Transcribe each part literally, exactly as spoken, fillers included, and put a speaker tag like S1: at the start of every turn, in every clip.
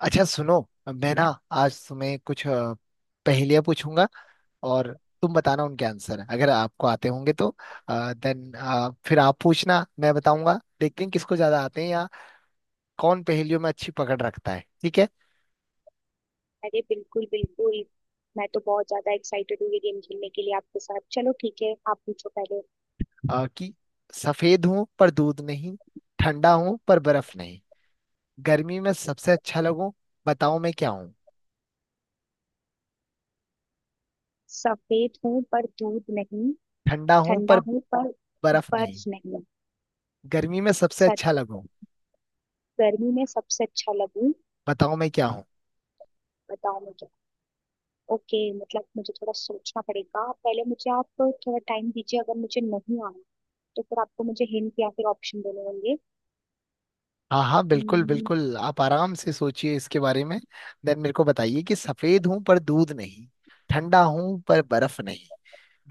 S1: अच्छा सुनो। मैं ना आज तुम्हें कुछ अ, पहेलियां पूछूंगा और तुम बताना उनके आंसर अगर आपको आते होंगे तो। देन फिर आप पूछना, मैं बताऊंगा। देखते हैं किसको ज्यादा आते हैं या कौन पहेलियों में अच्छी पकड़ रखता है। ठीक है?
S2: अरे बिल्कुल बिल्कुल, मैं तो बहुत ज्यादा एक्साइटेड हूँ ये गेम खेलने के लिए आपके साथ। चलो ठीक है, आप पूछो पहले।
S1: अ, कि सफेद हूं पर दूध नहीं, ठंडा हूं पर बर्फ नहीं, गर्मी में सबसे अच्छा लगूं, बताओ मैं क्या हूं।
S2: सफेद हूँ पर दूध नहीं,
S1: ठंडा हूं
S2: ठंडा
S1: पर
S2: हूँ पर
S1: बर्फ नहीं,
S2: बर्फ नहीं।
S1: गर्मी में सबसे
S2: सर,
S1: अच्छा लगूं,
S2: गर्मी में सबसे अच्छा लगूं,
S1: बताओ मैं क्या।
S2: बताओ मुझे। ओके, मतलब मुझे थोड़ा सोचना पड़ेगा। पहले मुझे आप थोड़ा टाइम दीजिए। अगर मुझे नहीं आना तो फिर आपको मुझे हिंट या फिर ऑप्शन देने होंगे।
S1: हाँ हाँ, बिल्कुल
S2: हम्म,
S1: बिल्कुल, आप आराम से सोचिए इसके बारे में। देन मेरे को बताइए कि सफेद हूं पर दूध नहीं, ठंडा हूं पर बर्फ नहीं,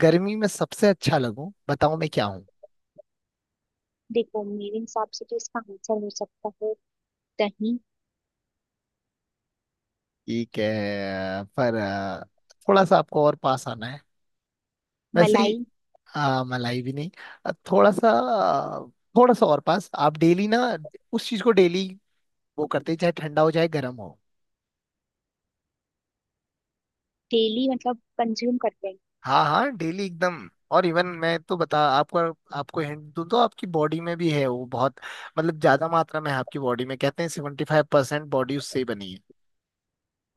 S1: गर्मी में सबसे अच्छा लगूं, बताओ मैं क्या हूं।
S2: देखो मेरे हिसाब से तो इसका आंसर हो सकता है दही।
S1: ठीक है, पर अ, थोड़ा सा आपको और पास आना है, वैसे
S2: मलाई।
S1: ही। अ, मलाई भी नहीं। अ, थोड़ा सा, अ, थोड़ा सा और पास। आप डेली ना उस चीज को डेली वो करते हैं, चाहे ठंडा हो चाहे गर्म हो।
S2: डेली मतलब कंज्यूम करते हैं?
S1: हाँ हाँ, डेली एकदम। और इवन मैं तो बता आपको, आपको हिंट दूं तो आपकी बॉडी में भी है वो बहुत, मतलब ज्यादा मात्रा में है आपकी बॉडी में। कहते हैं सेवेंटी फाइव परसेंट बॉडी उससे ही बनी है।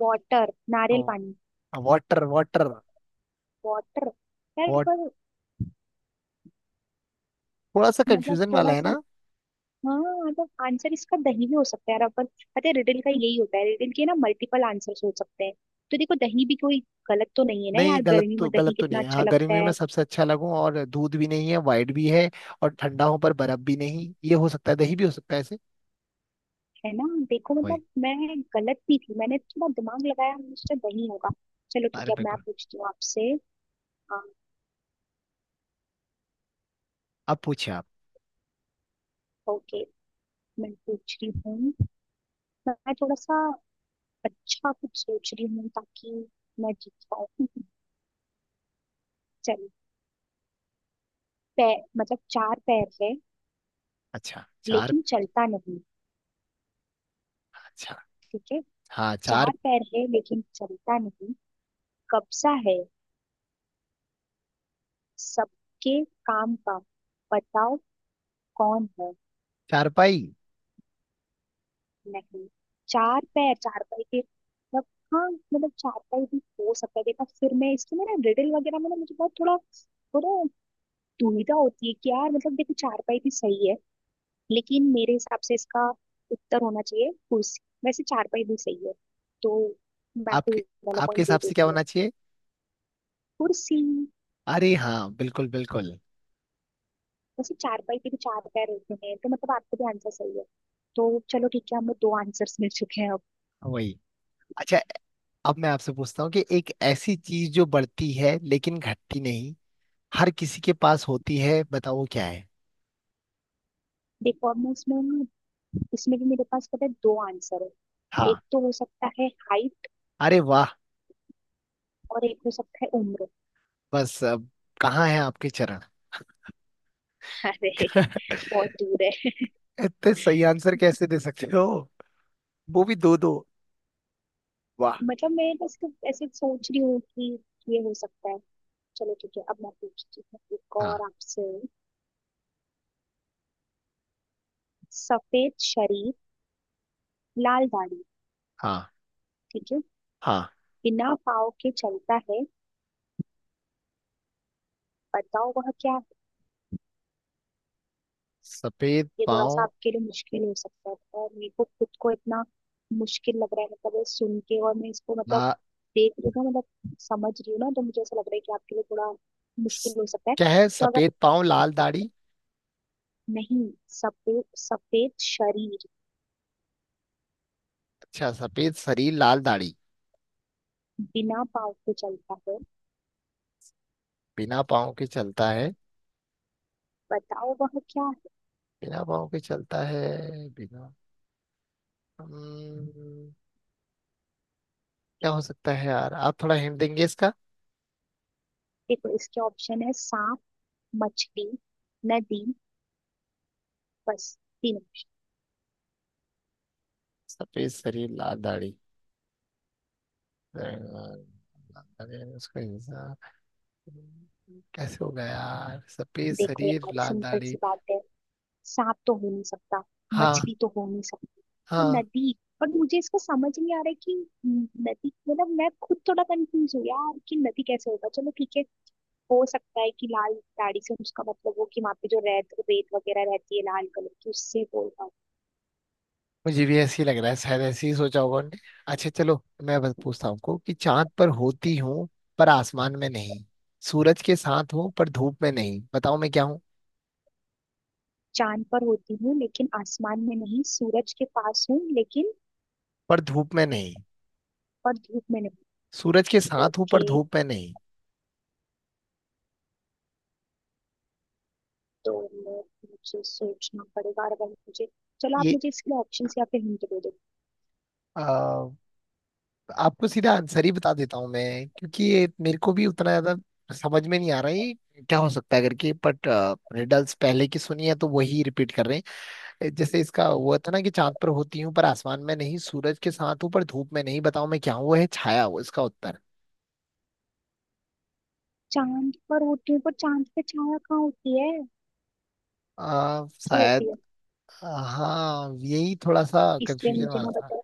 S2: वाटर,
S1: ओ,
S2: नारियल पानी,
S1: वाटर वाटर।
S2: वाटर। यार
S1: वाट
S2: पर,
S1: थोड़ा सा
S2: मतलब
S1: कंफ्यूजन वाला
S2: थोड़ा
S1: है
S2: सा।
S1: ना।
S2: हाँ, मतलब आंसर इसका दही भी हो सकता है यार अपन। पता है रिडल का यही होता है, रिडल के ना मल्टीपल आंसर्स हो सकते हैं। तो देखो दही भी कोई गलत तो नहीं है ना
S1: नहीं,
S2: यार,
S1: गलत
S2: गर्मी
S1: तो
S2: में दही
S1: गलत तो
S2: कितना
S1: नहीं है।
S2: अच्छा
S1: हाँ,
S2: लगता
S1: गर्मी में
S2: है
S1: सबसे अच्छा लगूं और दूध भी नहीं है, वाइट भी है, और ठंडा हो पर बर्फ भी नहीं। ये हो सकता है, दही भी हो सकता है ऐसे।
S2: है ना। देखो
S1: वही,
S2: मतलब मैं गलत नहीं थी, मैंने थोड़ा दिमाग लगाया, मुझसे दही होगा। चलो ठीक
S1: अरे
S2: है, अब मैं
S1: बिल्कुल।
S2: पूछती हूँ आपसे। हाँ।
S1: अब पूछिए आप।
S2: ओके, मैं पूछ रही हूँ। मैं थोड़ा सा अच्छा कुछ सोच रही हूँ ताकि मैं जीत पाऊँ। चलो। पैर, मतलब चार पैर है
S1: अच्छा, चार।
S2: लेकिन चलता नहीं।
S1: अच्छा।
S2: ठीक है।
S1: हाँ, चार।
S2: चार पैर है लेकिन चलता नहीं, कब्जा है सबके काम का, बताओ कौन है।
S1: चारपाई।
S2: नहीं, चार पैर, चार पैर के मतलब, हाँ मतलब चार पैर भी हो सकता है। देखा, फिर मैं इसके में ना, रिडल वगैरह में ना मुझे बहुत थोड़ा थोड़ा दुविधा होती है कि यार, मतलब देखो चार पाई भी सही है लेकिन मेरे हिसाब से इसका उत्तर होना चाहिए कुर्सी। वैसे चार पाई भी सही है, तो मैं आपको ये
S1: आपके
S2: वाला
S1: आपके
S2: पॉइंट दे
S1: हिसाब से क्या
S2: देती हूँ।
S1: होना चाहिए?
S2: कुर्सी।
S1: अरे हाँ, बिल्कुल बिल्कुल।
S2: वैसे चारपाई के भी चार पैर होते हैं तो मतलब आपका भी आंसर सही है। तो चलो ठीक है, हमें दो आंसर्स मिल चुके हैं अब।
S1: वही। अच्छा, अब मैं आपसे पूछता हूँ कि एक ऐसी चीज जो बढ़ती है लेकिन घटती नहीं, हर किसी के पास होती है, बताओ वो क्या है।
S2: देखो, अब मैं इसमें इसमें भी मेरे पास पता है दो आंसर है।
S1: हाँ।
S2: एक तो हो सकता है हाइट
S1: अरे वाह।
S2: और एक हो सकता है उम्र।
S1: बस अब, कहाँ है आपके चरण।
S2: अरे, बहुत दूर है।
S1: इतने सही आंसर कैसे दे सकते हो, वो भी दो दो। वाह।
S2: मतलब मैं बस तो ऐसे सोच रही हूँ कि ये हो सकता है। चलो ठीक है, अब मैं पूछती हूँ एक और
S1: हाँ
S2: आपसे। सफेद शरीर, लाल दाढ़ी।
S1: हाँ
S2: ठीक है।
S1: हाँ,
S2: बिना पाँव के चलता है, बताओ वह क्या।
S1: सफेद
S2: ये थोड़ा सा
S1: पाँव।
S2: आपके लिए मुश्किल हो सकता है और मेरे को खुद को इतना मुश्किल लग रहा है, मतलब ये सुन के और मैं इसको मतलब
S1: ला
S2: देख रही हूँ ना, मतलब समझ रही हूँ ना, तो मुझे ऐसा लग रहा है कि आपके लिए थोड़ा मुश्किल
S1: स-
S2: हो सकता है।
S1: क्या है
S2: तो अगर,
S1: सफेद पाँव लाल दाढ़ी?
S2: नहीं, सफेद सफेद शरीर,
S1: अच्छा, सफेद शरीर लाल दाढ़ी।
S2: बिना पाँव के चलता है,
S1: बिना पाँव के चलता है।
S2: बताओ वह क्या है।
S1: बिना पाँव के चलता है। बिना हम्म, क्या हो सकता है यार? आप थोड़ा हिंट देंगे इसका?
S2: देखो इसके ऑप्शन है सांप, मछली, नदी, बस, तीन option।
S1: सफेद शरीर लाल दाढ़ी। लाल दाढ़ी, उसका इंसान। हम्म, कैसे होगा यार सफेद
S2: देखो
S1: शरीर
S2: यार,
S1: लाल
S2: सिंपल
S1: दाढ़ी?
S2: सी बात है, सांप तो हो नहीं सकता,
S1: हाँ
S2: मछली तो हो नहीं सकता, तो
S1: हाँ,
S2: नदी। और मुझे इसका समझ नहीं आ रहा है कि नदी, मतलब मैं खुद थोड़ा कंफ्यूज हूँ यार कि नदी कैसे होगा। चलो ठीक है, हो सकता है कि लाल दाढ़ी से उसका मतलब हो कि वहां पे जो रेत रेत वगैरह रहती है लाल कलर की, उससे बोलता हूँ।
S1: मुझे भी ऐसे ही लग रहा है, शायद ऐसे ही सोचा होगा उन्होंने। अच्छा चलो, मैं बस पूछता हूँ आपको कि चांद पर होती हूँ पर आसमान में नहीं, सूरज के साथ हूँ पर धूप में नहीं, बताओ मैं क्या हूँ।
S2: चांद पर होती हूँ लेकिन आसमान में नहीं, सूरज के पास हूँ लेकिन,
S1: पर धूप में नहीं।
S2: और धूप में नहीं।
S1: सूरज के साथ हूँ पर
S2: ओके,
S1: धूप में नहीं।
S2: तो मैं- मुझे सोचना पड़ेगा और अगर मुझे, चलो आप
S1: ये
S2: मुझे इसके ऑप्शन या फिर हिंट दे दो।
S1: आपको सीधा आंसर ही बता देता हूँ मैं, क्योंकि ये मेरे को भी उतना ज्यादा समझ में नहीं आ रहा है ये क्या हो सकता है करके, बट रिडल्स पहले की सुनी है तो वही रिपीट कर रहे हैं। जैसे इसका वो था ना कि चांद पर होती हूँ पर आसमान में नहीं, सूरज के साथ हूँ पर धूप में नहीं, बताओ मैं क्या हूँ। वो है छाया, वो इसका उत्तर।
S2: चांद पर होती हूँ पर चांद पे छाया कहाँ होती है,
S1: आ,
S2: क्यों होती
S1: शायद।
S2: है?
S1: आ, हाँ, यही थोड़ा सा
S2: इसलिए
S1: कंफ्यूजन
S2: मुझे
S1: वाला
S2: ना
S1: था
S2: पता,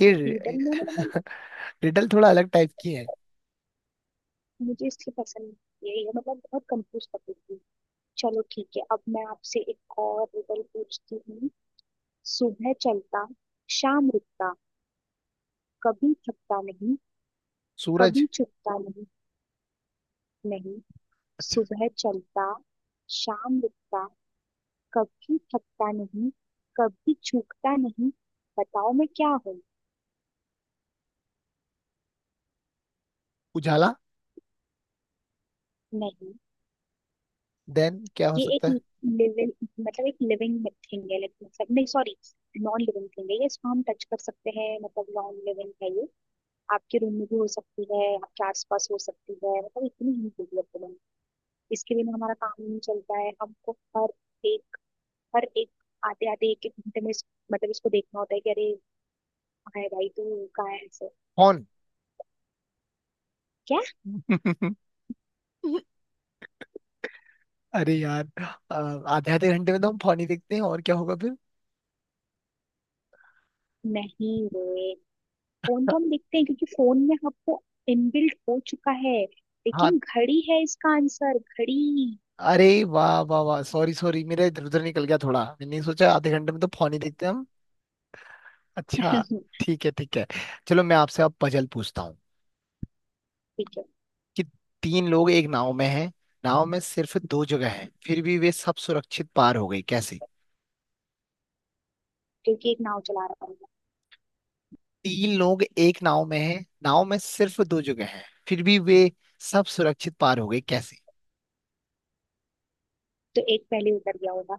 S1: ये।
S2: रिडल में ना मतलब,
S1: रिडल थोड़ा अलग टाइप की है।
S2: मुझे इसलिए पसंद नहीं है ये, मतलब बहुत कंफ्यूज कर देती है। चलो ठीक है, अब मैं आपसे एक और रिडल पूछती हूँ। सुबह चलता, शाम रुकता, कभी थकता नहीं,
S1: सूरज।
S2: कभी चुकता नहीं। नहीं। सुबह चलता, शाम रुकता, कभी थकता नहीं, कभी चूकता नहीं, बताओ मैं क्या हूँ।
S1: उजाला।
S2: नहीं,
S1: देन क्या हो
S2: ये
S1: सकता
S2: एक
S1: है?
S2: लिविंग, मतलब एक लिविंग थिंग है, like मतलब नहीं सॉरी, नॉन लिविंग थिंग है ये, इसको हम टच कर सकते हैं, मतलब नॉन लिविंग है ये। आपके रूम में भी हो सकती है, आपके आसपास हो सकती है, मतलब इतनी ही डेवलपमेंट है, इसके बिना हमारा काम नहीं चलता है। हमको हर एक हर एक आते आते, एक एक घंटे में इस- मतलब इसको देखना होता है कि अरे कहाँ है भाई तू, कहाँ है ऐसे,
S1: कौन?
S2: क्या।
S1: अरे यार, अ, आधे आधे घंटे में तो हम फौनी देखते हैं, और क्या होगा फिर।
S2: नहीं रे, फोन तो हम देखते हैं क्योंकि फोन में आपको इनबिल्ट हो चुका है,
S1: हाँ।
S2: लेकिन घड़ी है इसका आंसर, घड़ी।
S1: अरे वाह वाह वाह, सॉरी सॉरी, मेरा इधर उधर निकल गया थोड़ा। मैंने सोचा आधे घंटे में तो फौनी देखते हैं हम। अच्छा, ठीक है ठीक है। चलो मैं आपसे अब पजल पूछता हूँ
S2: ठीक है,
S1: कि तीन लोग एक नाव में हैं, नाव में सिर्फ दो जगह है, फिर भी वे सब सुरक्षित पार हो गए, कैसे?
S2: क्योंकि एक नाव चला रहा होगा,
S1: तीन लोग एक नाव में हैं, नाव में सिर्फ दो जगह है, फिर भी वे सब सुरक्षित पार हो गए, कैसे?
S2: तो एक पहले उतर गया होगा।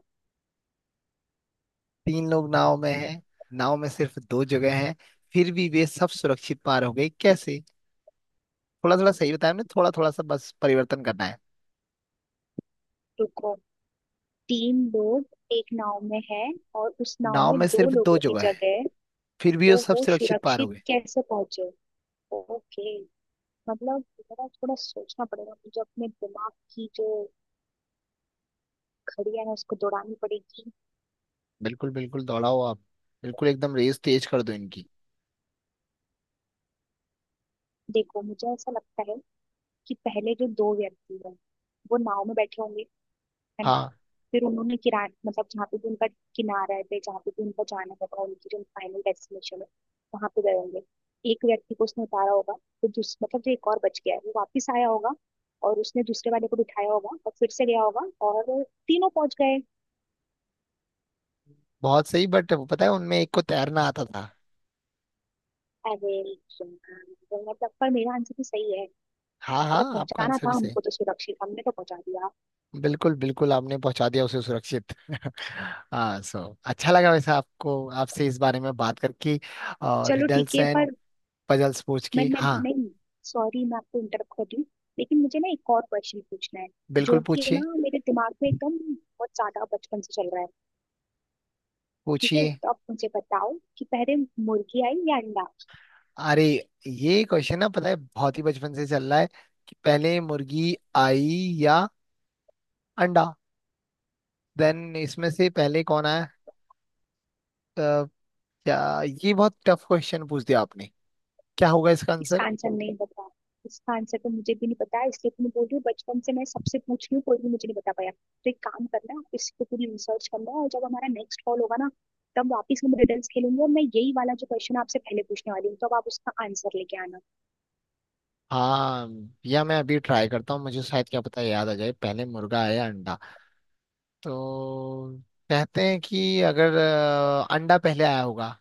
S1: तीन लोग नाव में हैं, नाव में सिर्फ दो जगह हैं, फिर भी वे सब सुरक्षित पार हो गए, कैसे? थोड़ा थोड़ा सही बताया हमने, थोड़ा थोड़ा सा बस परिवर्तन करना है।
S2: रुको, तीन लोग एक नाव में है और उस नाव
S1: नाव
S2: में
S1: में
S2: दो
S1: सिर्फ दो
S2: लोगों की
S1: जगह है,
S2: जगह है,
S1: फिर भी
S2: तो
S1: वो सब
S2: वो
S1: सुरक्षित पार हो
S2: सुरक्षित
S1: गए।
S2: कैसे पहुंचे। ओके, मतलब मेरा थोड़ा सोचना पड़ेगा, मुझे अपने दिमाग की जो घड़ियां है उसको दौड़ानी पड़ेगी।
S1: बिल्कुल बिल्कुल, दौड़ाओ आप। बिल्कुल एकदम रेस तेज कर दो इनकी।
S2: देखो मुझे ऐसा लगता है कि पहले जो दो व्यक्ति हैं, वो नाव में बैठे होंगे, है ना।
S1: हाँ,
S2: फिर उन्होंने किराया, मतलब जहाँ पे भी उनका किनारा है, जहाँ पे भी उनका जाना होगा, उनकी जो फाइनल डेस्टिनेशन है, वहां पे गए होंगे। एक व्यक्ति को उसने उतारा होगा, तो दूस मतलब जो एक और बच गया है वो वापस आया होगा और उसने दूसरे वाले को बिठाया होगा और फिर से गया होगा, और तीनों पहुंच गए।
S1: बहुत सही, बट वो पता है, उनमें एक को तैरना आता था।
S2: अरे यार, मतलब पर मेरा आंसर भी सही है,
S1: हाँ हाँ,
S2: मतलब
S1: आपका
S2: पहुंचाना
S1: आंसर भी
S2: था
S1: सही।
S2: हमको तो सुरक्षित, हमने तो पहुंचा दिया।
S1: बिल्कुल बिल्कुल, आपने पहुंचा दिया उसे सुरक्षित। हाँ सो, अच्छा लगा वैसे आपको, आपसे इस बारे में बात करके और
S2: चलो ठीक
S1: रिडल्स
S2: है
S1: एंड
S2: पर,
S1: पजल्स पूछ
S2: मैं
S1: के।
S2: मैं
S1: हाँ,
S2: नहीं, सॉरी मैं आपको इंटरप्ट कर रही हूँ, लेकिन मुझे ना एक और क्वेश्चन पूछना है
S1: बिल्कुल
S2: जो कि ना
S1: पूछिए।
S2: मेरे दिमाग में एकदम बहुत ज्यादा बचपन से चल रहा है। ठीक है,
S1: पूछिए।
S2: तो आप मुझे बताओ कि पहले मुर्गी आई या अंडा।
S1: अरे, ये क्वेश्चन ना पता है बहुत ही बचपन से चल रहा है कि पहले मुर्गी आई या अंडा? देन इसमें से पहले कौन आया? अ, क्या ये बहुत टफ क्वेश्चन पूछ दिया आपने? क्या होगा इसका आंसर?
S2: इसका आंसर नहीं बता, इसका आंसर तो मुझे भी नहीं पता, इसलिए तो मैं बोल रही हूँ बचपन से मैं सबसे पूछ रही हूँ कोई भी मुझे नहीं बता पाया। तो एक काम करना, आप इस पे पूरी रिसर्च करना, और जब हमारा नेक्स्ट कॉल होगा ना, तब वापस हम रिडल्स खेलेंगे, और मैं यही वाला जो क्वेश्चन आपसे पहले पूछने वाली हूँ, तब आप उसका आंसर लेके आना।
S1: हाँ या, मैं अभी ट्राई करता हूँ, मुझे शायद क्या पता याद आ जाए पहले मुर्गा आया अंडा तो। कहते हैं कि अगर अ, अंडा पहले आया होगा।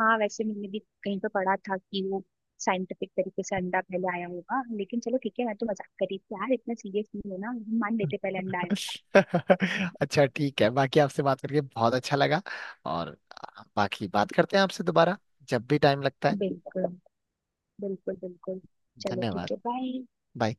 S2: हाँ, वैसे मैंने भी कहीं पर पढ़ा था कि वो साइंटिफिक तरीके से अंडा पहले आया होगा, लेकिन चलो ठीक है, मैं तो मजाक कर रही थी यार, इतना सीरियस नहीं होना, हम मान लेते पहले अंडा आया था।
S1: अच्छा ठीक है, बाकी आपसे बात करके बहुत अच्छा लगा और बाकी बात करते हैं आपसे दोबारा जब भी टाइम लगता है।
S2: बिल्कुल, बिल्कुल बिल्कुल। चलो
S1: धन्यवाद।
S2: ठीक है, बाय।
S1: बाय।